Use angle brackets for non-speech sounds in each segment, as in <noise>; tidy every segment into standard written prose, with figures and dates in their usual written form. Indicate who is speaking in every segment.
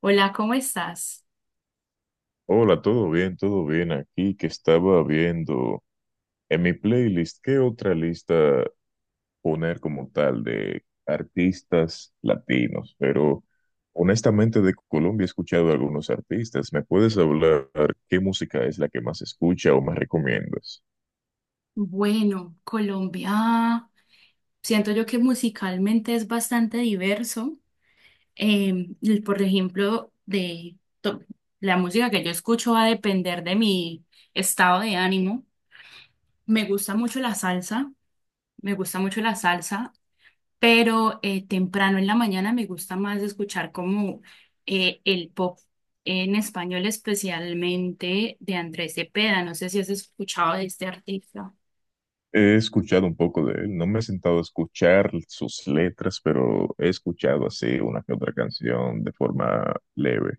Speaker 1: Hola, ¿cómo estás?
Speaker 2: Hola, todo bien aquí que estaba viendo en mi playlist, ¿qué otra lista poner como tal de artistas latinos? Pero honestamente de Colombia he escuchado a algunos artistas. ¿Me puedes hablar qué música es la que más escucha o más recomiendas?
Speaker 1: Bueno, Colombia, siento yo que musicalmente es bastante diverso. Y por ejemplo, la música que yo escucho va a depender de mi estado de ánimo. Me gusta mucho la salsa, me gusta mucho la salsa, pero temprano en la mañana me gusta más escuchar como el pop en español, especialmente de Andrés Cepeda. No sé si has escuchado de este artista.
Speaker 2: He escuchado un poco de él, no me he sentado a escuchar sus letras, pero he escuchado así una que otra canción de forma leve.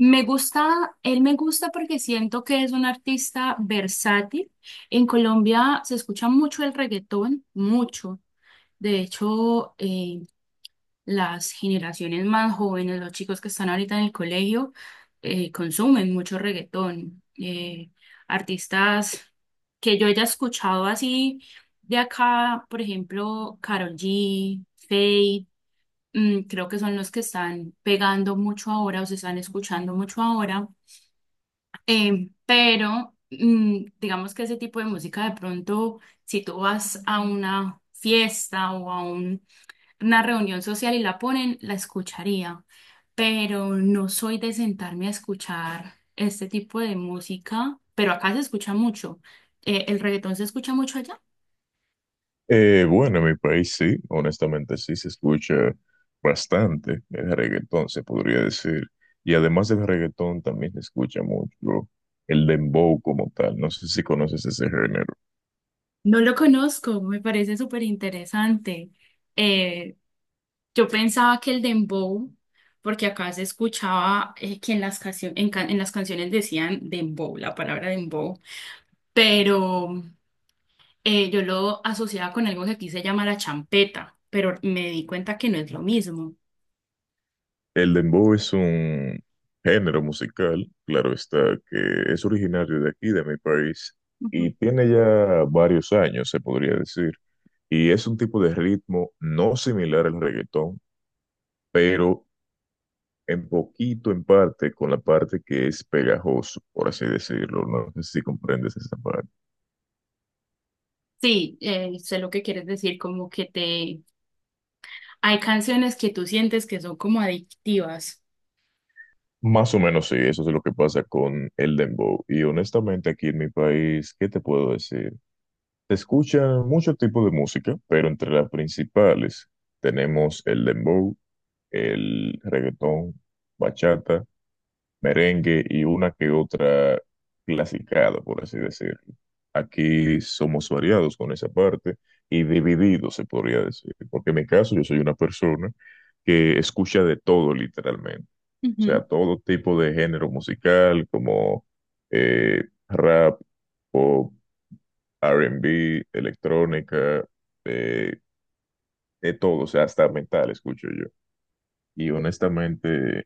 Speaker 1: Me gusta, él me gusta porque siento que es un artista versátil. En Colombia se escucha mucho el reggaetón, mucho. De hecho, las generaciones más jóvenes, los chicos que están ahorita en el colegio, consumen mucho reggaetón. Artistas que yo haya escuchado así de acá, por ejemplo, Karol G, Feid, creo que son los que están pegando mucho ahora o se están escuchando mucho ahora. Pero digamos que ese tipo de música de pronto, si tú vas a una fiesta o a una reunión social y la ponen, la escucharía, pero no soy de sentarme a escuchar este tipo de música, pero acá se escucha mucho. ¿El reggaetón se escucha mucho allá?
Speaker 2: Bueno, en mi país sí, honestamente sí se escucha bastante el reggaetón, se podría decir. Y además del reggaetón también se escucha mucho el dembow como tal. No sé si conoces ese género.
Speaker 1: No lo conozco, me parece súper interesante. Eh, yo pensaba que el dembow, porque acá se escuchaba que en las canciones decían dembow, la palabra dembow, pero yo lo asociaba con algo que aquí se llama la champeta, pero me di cuenta que no es lo mismo.
Speaker 2: El dembow es un género musical, claro está, que es originario de aquí, de mi país,
Speaker 1: Ujú.
Speaker 2: y tiene ya varios años, se podría decir. Y es un tipo de ritmo no similar al reggaetón, pero en poquito, en parte, con la parte que es pegajoso, por así decirlo. No sé si comprendes esa parte.
Speaker 1: Sí, sé lo que quieres decir, como que te... Hay canciones que tú sientes que son como adictivas.
Speaker 2: Más o menos sí, eso es lo que pasa con el dembow. Y honestamente aquí en mi país, ¿qué te puedo decir? Se escucha mucho tipo de música, pero entre las principales tenemos el dembow, el reggaetón, bachata, merengue y una que otra clasicada, por así decirlo. Aquí somos variados con esa parte y divididos, se podría decir, porque en mi caso yo soy una persona que escucha de todo literalmente, o sea, todo tipo de género musical como rap, pop, R&B, electrónica, eh, de todo, o sea, hasta metal escucho yo. Y honestamente,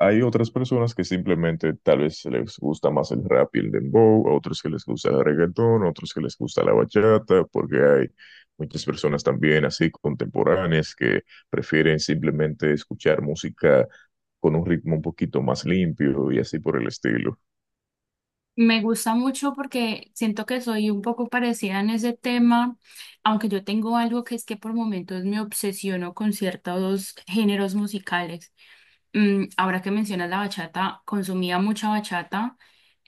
Speaker 2: hay otras personas que simplemente tal vez les gusta más el rap y el dembow, a otros que les gusta el reggaetón, a otros que les gusta la bachata, porque hay muchas personas también así contemporáneas que prefieren simplemente escuchar música con un ritmo un poquito más limpio y así por el estilo.
Speaker 1: Me gusta mucho porque siento que soy un poco parecida en ese tema, aunque yo tengo algo que es que por momentos me obsesiono con ciertos géneros musicales. Ahora que mencionas la bachata, consumía mucha bachata,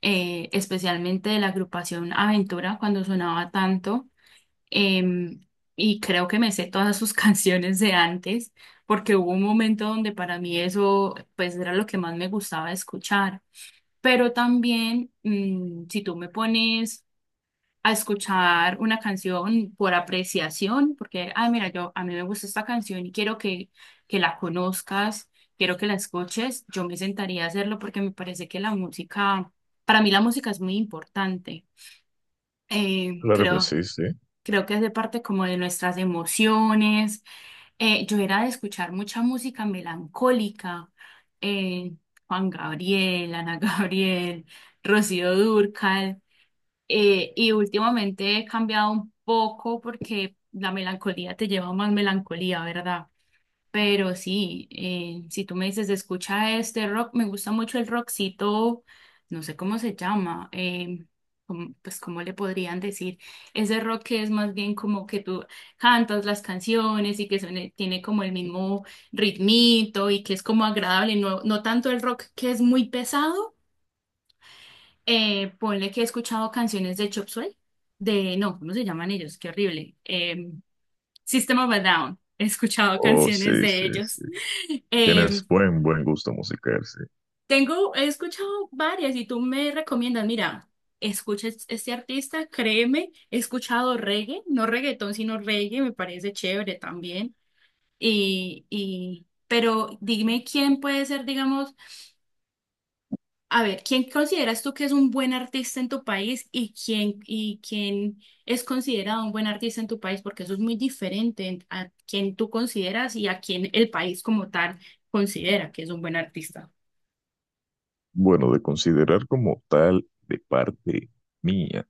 Speaker 1: especialmente de la agrupación Aventura cuando sonaba tanto, em, y creo que me sé todas sus <laughs> canciones de antes, porque hubo un momento donde para mí eso pues era lo que más me gustaba escuchar. Pero también, si tú me pones a escuchar una canción por apreciación, porque, ah, mira, yo a mí me gusta esta canción y quiero que la conozcas, quiero que la escuches, yo me sentaría a hacerlo porque me parece que para mí la música es muy importante. Eh,
Speaker 2: Claro que
Speaker 1: creo,
Speaker 2: sí, sí.
Speaker 1: creo que hace parte como de nuestras emociones. Yo era de escuchar mucha música melancólica, eh, Juan Gabriel, Ana <laughs> Gabriel, Rocío Dúrcal, y últimamente he cambiado un poco porque la melancolía te lleva a más melancolía, ¿verdad? Pero sí, si tú me dices, escucha este rock, me gusta mucho el rockcito, no sé cómo se llama, pues cómo le podrían decir, ese rock que es más bien como que tú cantas las canciones y que tiene como el mismo ritmito y que es como agradable, no, no tanto el rock que es muy pesado, ponle que he escuchado canciones de Chop Suey, de, no, ¿cómo se llaman ellos? Qué horrible. System of a Down. He escuchado
Speaker 2: Oh,
Speaker 1: canciones
Speaker 2: sí,
Speaker 1: de
Speaker 2: sí,
Speaker 1: ellos.
Speaker 2: sí.
Speaker 1: <laughs> Eh,
Speaker 2: Tienes buen gusto musical, sí.
Speaker 1: tengo, he escuchado varias y tú me recomiendas, mira, escucha este artista, créeme, he escuchado reggae, no reggaetón, sino reggae, me parece chévere también. Pero dime quién puede ser, digamos. A ver, ¿quién consideras tú que es un buen artista en tu país y quién es considerado un buen artista en tu país? Porque eso es muy diferente a quién tú consideras y a quién el país como tal considera que es un buen artista.
Speaker 2: Bueno, de considerar como tal de parte mía.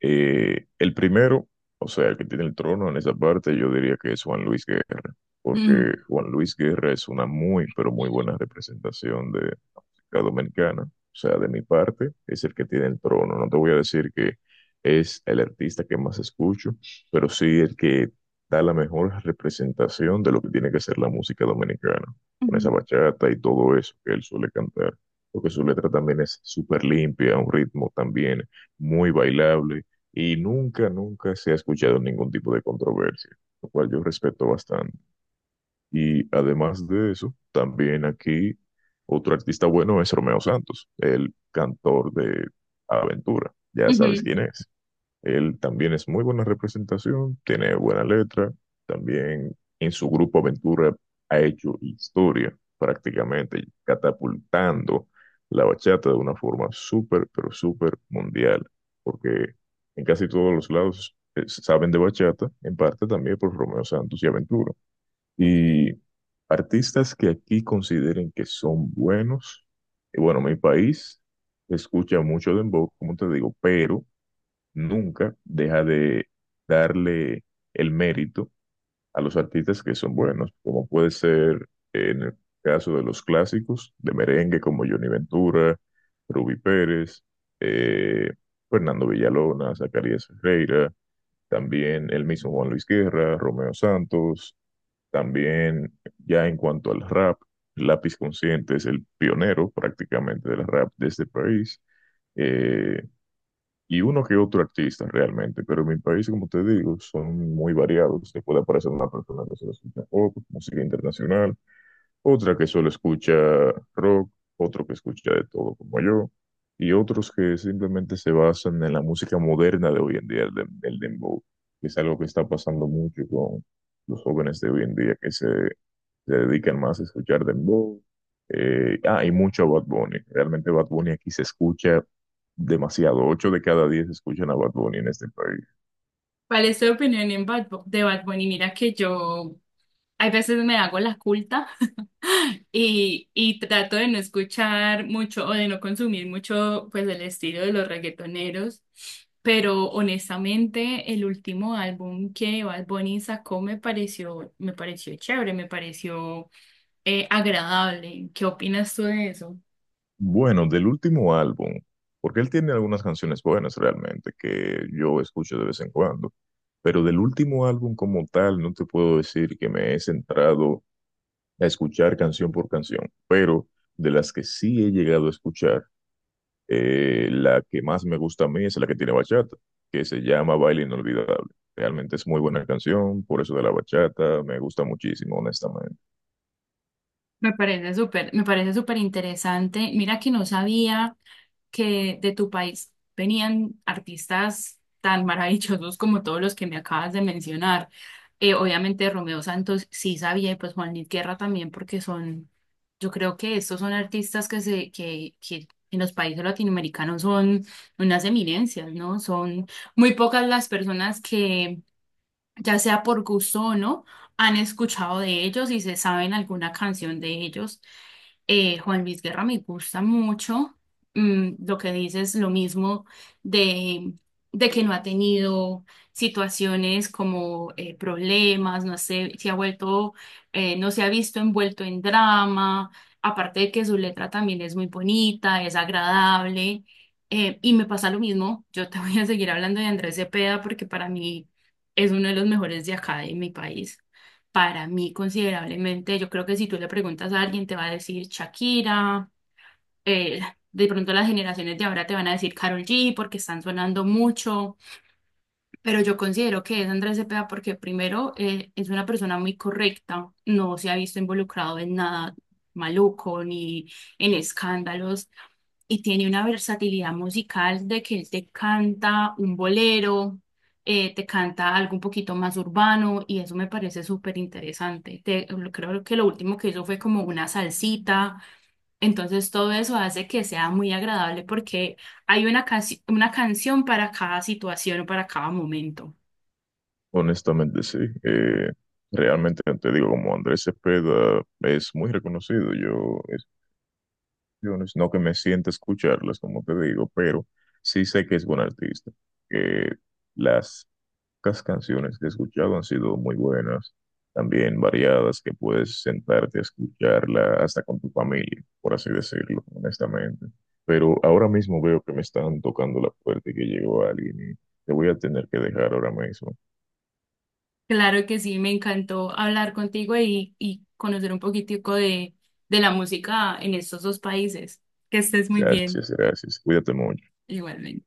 Speaker 2: El primero, o sea, el que tiene el trono en esa parte, yo diría que es Juan Luis Guerra, porque
Speaker 1: Mm.
Speaker 2: Juan Luis Guerra es una muy, pero muy buena representación de la música dominicana. O sea, de mi parte, es el que tiene el trono. No te voy a decir que es el artista que más escucho, pero sí el que da la mejor representación de lo que tiene que ser la música dominicana, con esa
Speaker 1: Ujú.
Speaker 2: bachata y todo eso que él suele cantar, porque su letra también es súper limpia, un ritmo también muy bailable y nunca, nunca se ha escuchado ningún tipo de controversia, lo cual yo respeto bastante. Y además de eso, también aquí otro artista bueno es Romeo Santos, el cantor de Aventura. Ya sabes
Speaker 1: Ujú.
Speaker 2: quién es. Él también es muy buena representación, tiene buena letra, también en su grupo Aventura ha hecho historia prácticamente, catapultando la bachata de una forma súper, pero súper mundial, porque en casi todos los lados saben de bachata, en parte también por Romeo Santos y Aventura. Y artistas que aquí consideren que son buenos, y bueno, mi país escucha mucho dembow, como te digo, pero nunca deja de darle el mérito a los artistas que son buenos, como puede ser en el caso de los clásicos de merengue como Johnny Ventura, Ruby Pérez, eh, Fernando Villalona, Zacarías Ferreira, también el mismo Juan Luis Guerra, Romeo Santos, también ya en cuanto al rap, Lápiz Consciente es el pionero prácticamente del rap de este país. Eh, y uno que otro artista realmente, pero en mi país, como te digo, son muy variados. Te puede aparecer una persona que se escucha pop, música internacional, otra que solo escucha rock, otro que escucha de todo como yo, y otros que simplemente se basan en la música moderna de hoy en día, el, el dembow, que es algo que está pasando mucho con los jóvenes de hoy en día que se dedican más a escuchar dembow. Y mucho a Bad Bunny. Realmente Bad Bunny aquí se escucha demasiado. 8 de cada 10 escuchan a Bad Bunny en este país.
Speaker 1: ¿Cuál es tu opinión de Bad Bunny? Mira que yo hay veces me hago la culta. Trato de no escuchar mucho o de no consumir mucho pues el estilo de los reggaetoneros, pero honestamente el último álbum que Bad Bunny sacó me pareció chévere, me pareció agradable. ¿Qué opinas tú de eso?
Speaker 2: Bueno, del último álbum, porque él tiene algunas canciones buenas realmente que yo escucho de vez en cuando, pero del último álbum como tal no te puedo decir que me he centrado a escuchar canción por canción, pero de las que sí he llegado a escuchar, la que más me gusta a mí es la que tiene bachata, que se llama Baile Inolvidable. Realmente es muy buena canción, por eso de la bachata me gusta muchísimo, honestamente.
Speaker 1: Me parece súper interesante. Mira que no sabía que de tu país venían artistas tan maravillosos como todos los que me acabas de mencionar. Obviamente Romeo Santos sí sabía y pues Juan Luis Guerra también porque son, yo creo que estos son artistas que en los países latinoamericanos son unas eminencias, ¿no? Son muy pocas las personas que ya sea por gusto o no, han escuchado de ellos y se saben alguna canción de ellos. Juan Luis Guerra me gusta mucho. Lo que dices, lo mismo de, de que no ha tenido situaciones como problemas, no sé, no se ha visto envuelto en drama, aparte de que su letra también es muy bonita, es agradable. Y me pasa lo mismo, yo te <laughs> voy a seguir hablando de Andrés Cepeda porque para mí es uno de los mejores de acá de mi país. Para mí, considerablemente, yo creo que si tú le preguntas a alguien, te va a decir Shakira, eh, de pronto las generaciones de ahora te van a decir Karol G porque están sonando mucho. Pero yo considero que es Andrés Cepeda porque primero es una persona muy correcta, no se ha visto involucrado en nada maluco ni en escándalos y tiene una versatilidad musical de que él te canta un bolero, te canta algo un poquito más urbano y eso me parece súper interesante. Creo que lo último que hizo fue como una salsita, entonces todo eso hace que sea muy agradable porque hay una canción para cada situación o para cada momento.
Speaker 2: Honestamente, sí. Eh, Realmente, te digo, como Andrés Cepeda es muy reconocido, yo no es- no que me sienta escucharlas, como te digo, pero sí sé que es buen artista, que las pocas canciones que he escuchado han sido muy buenas, también variadas, que puedes sentarte a escucharla hasta con tu familia, por así decirlo, honestamente. Pero ahora mismo veo que me están tocando la puerta y que llegó alguien y te voy a tener que dejar ahora mismo.
Speaker 1: Claro que sí, me encantó hablar contigo y conocer un poquitico de la música en estos dos países. Que estés muy bien,
Speaker 2: Gracias, gracias. Cuídate mucho.
Speaker 1: igualmente.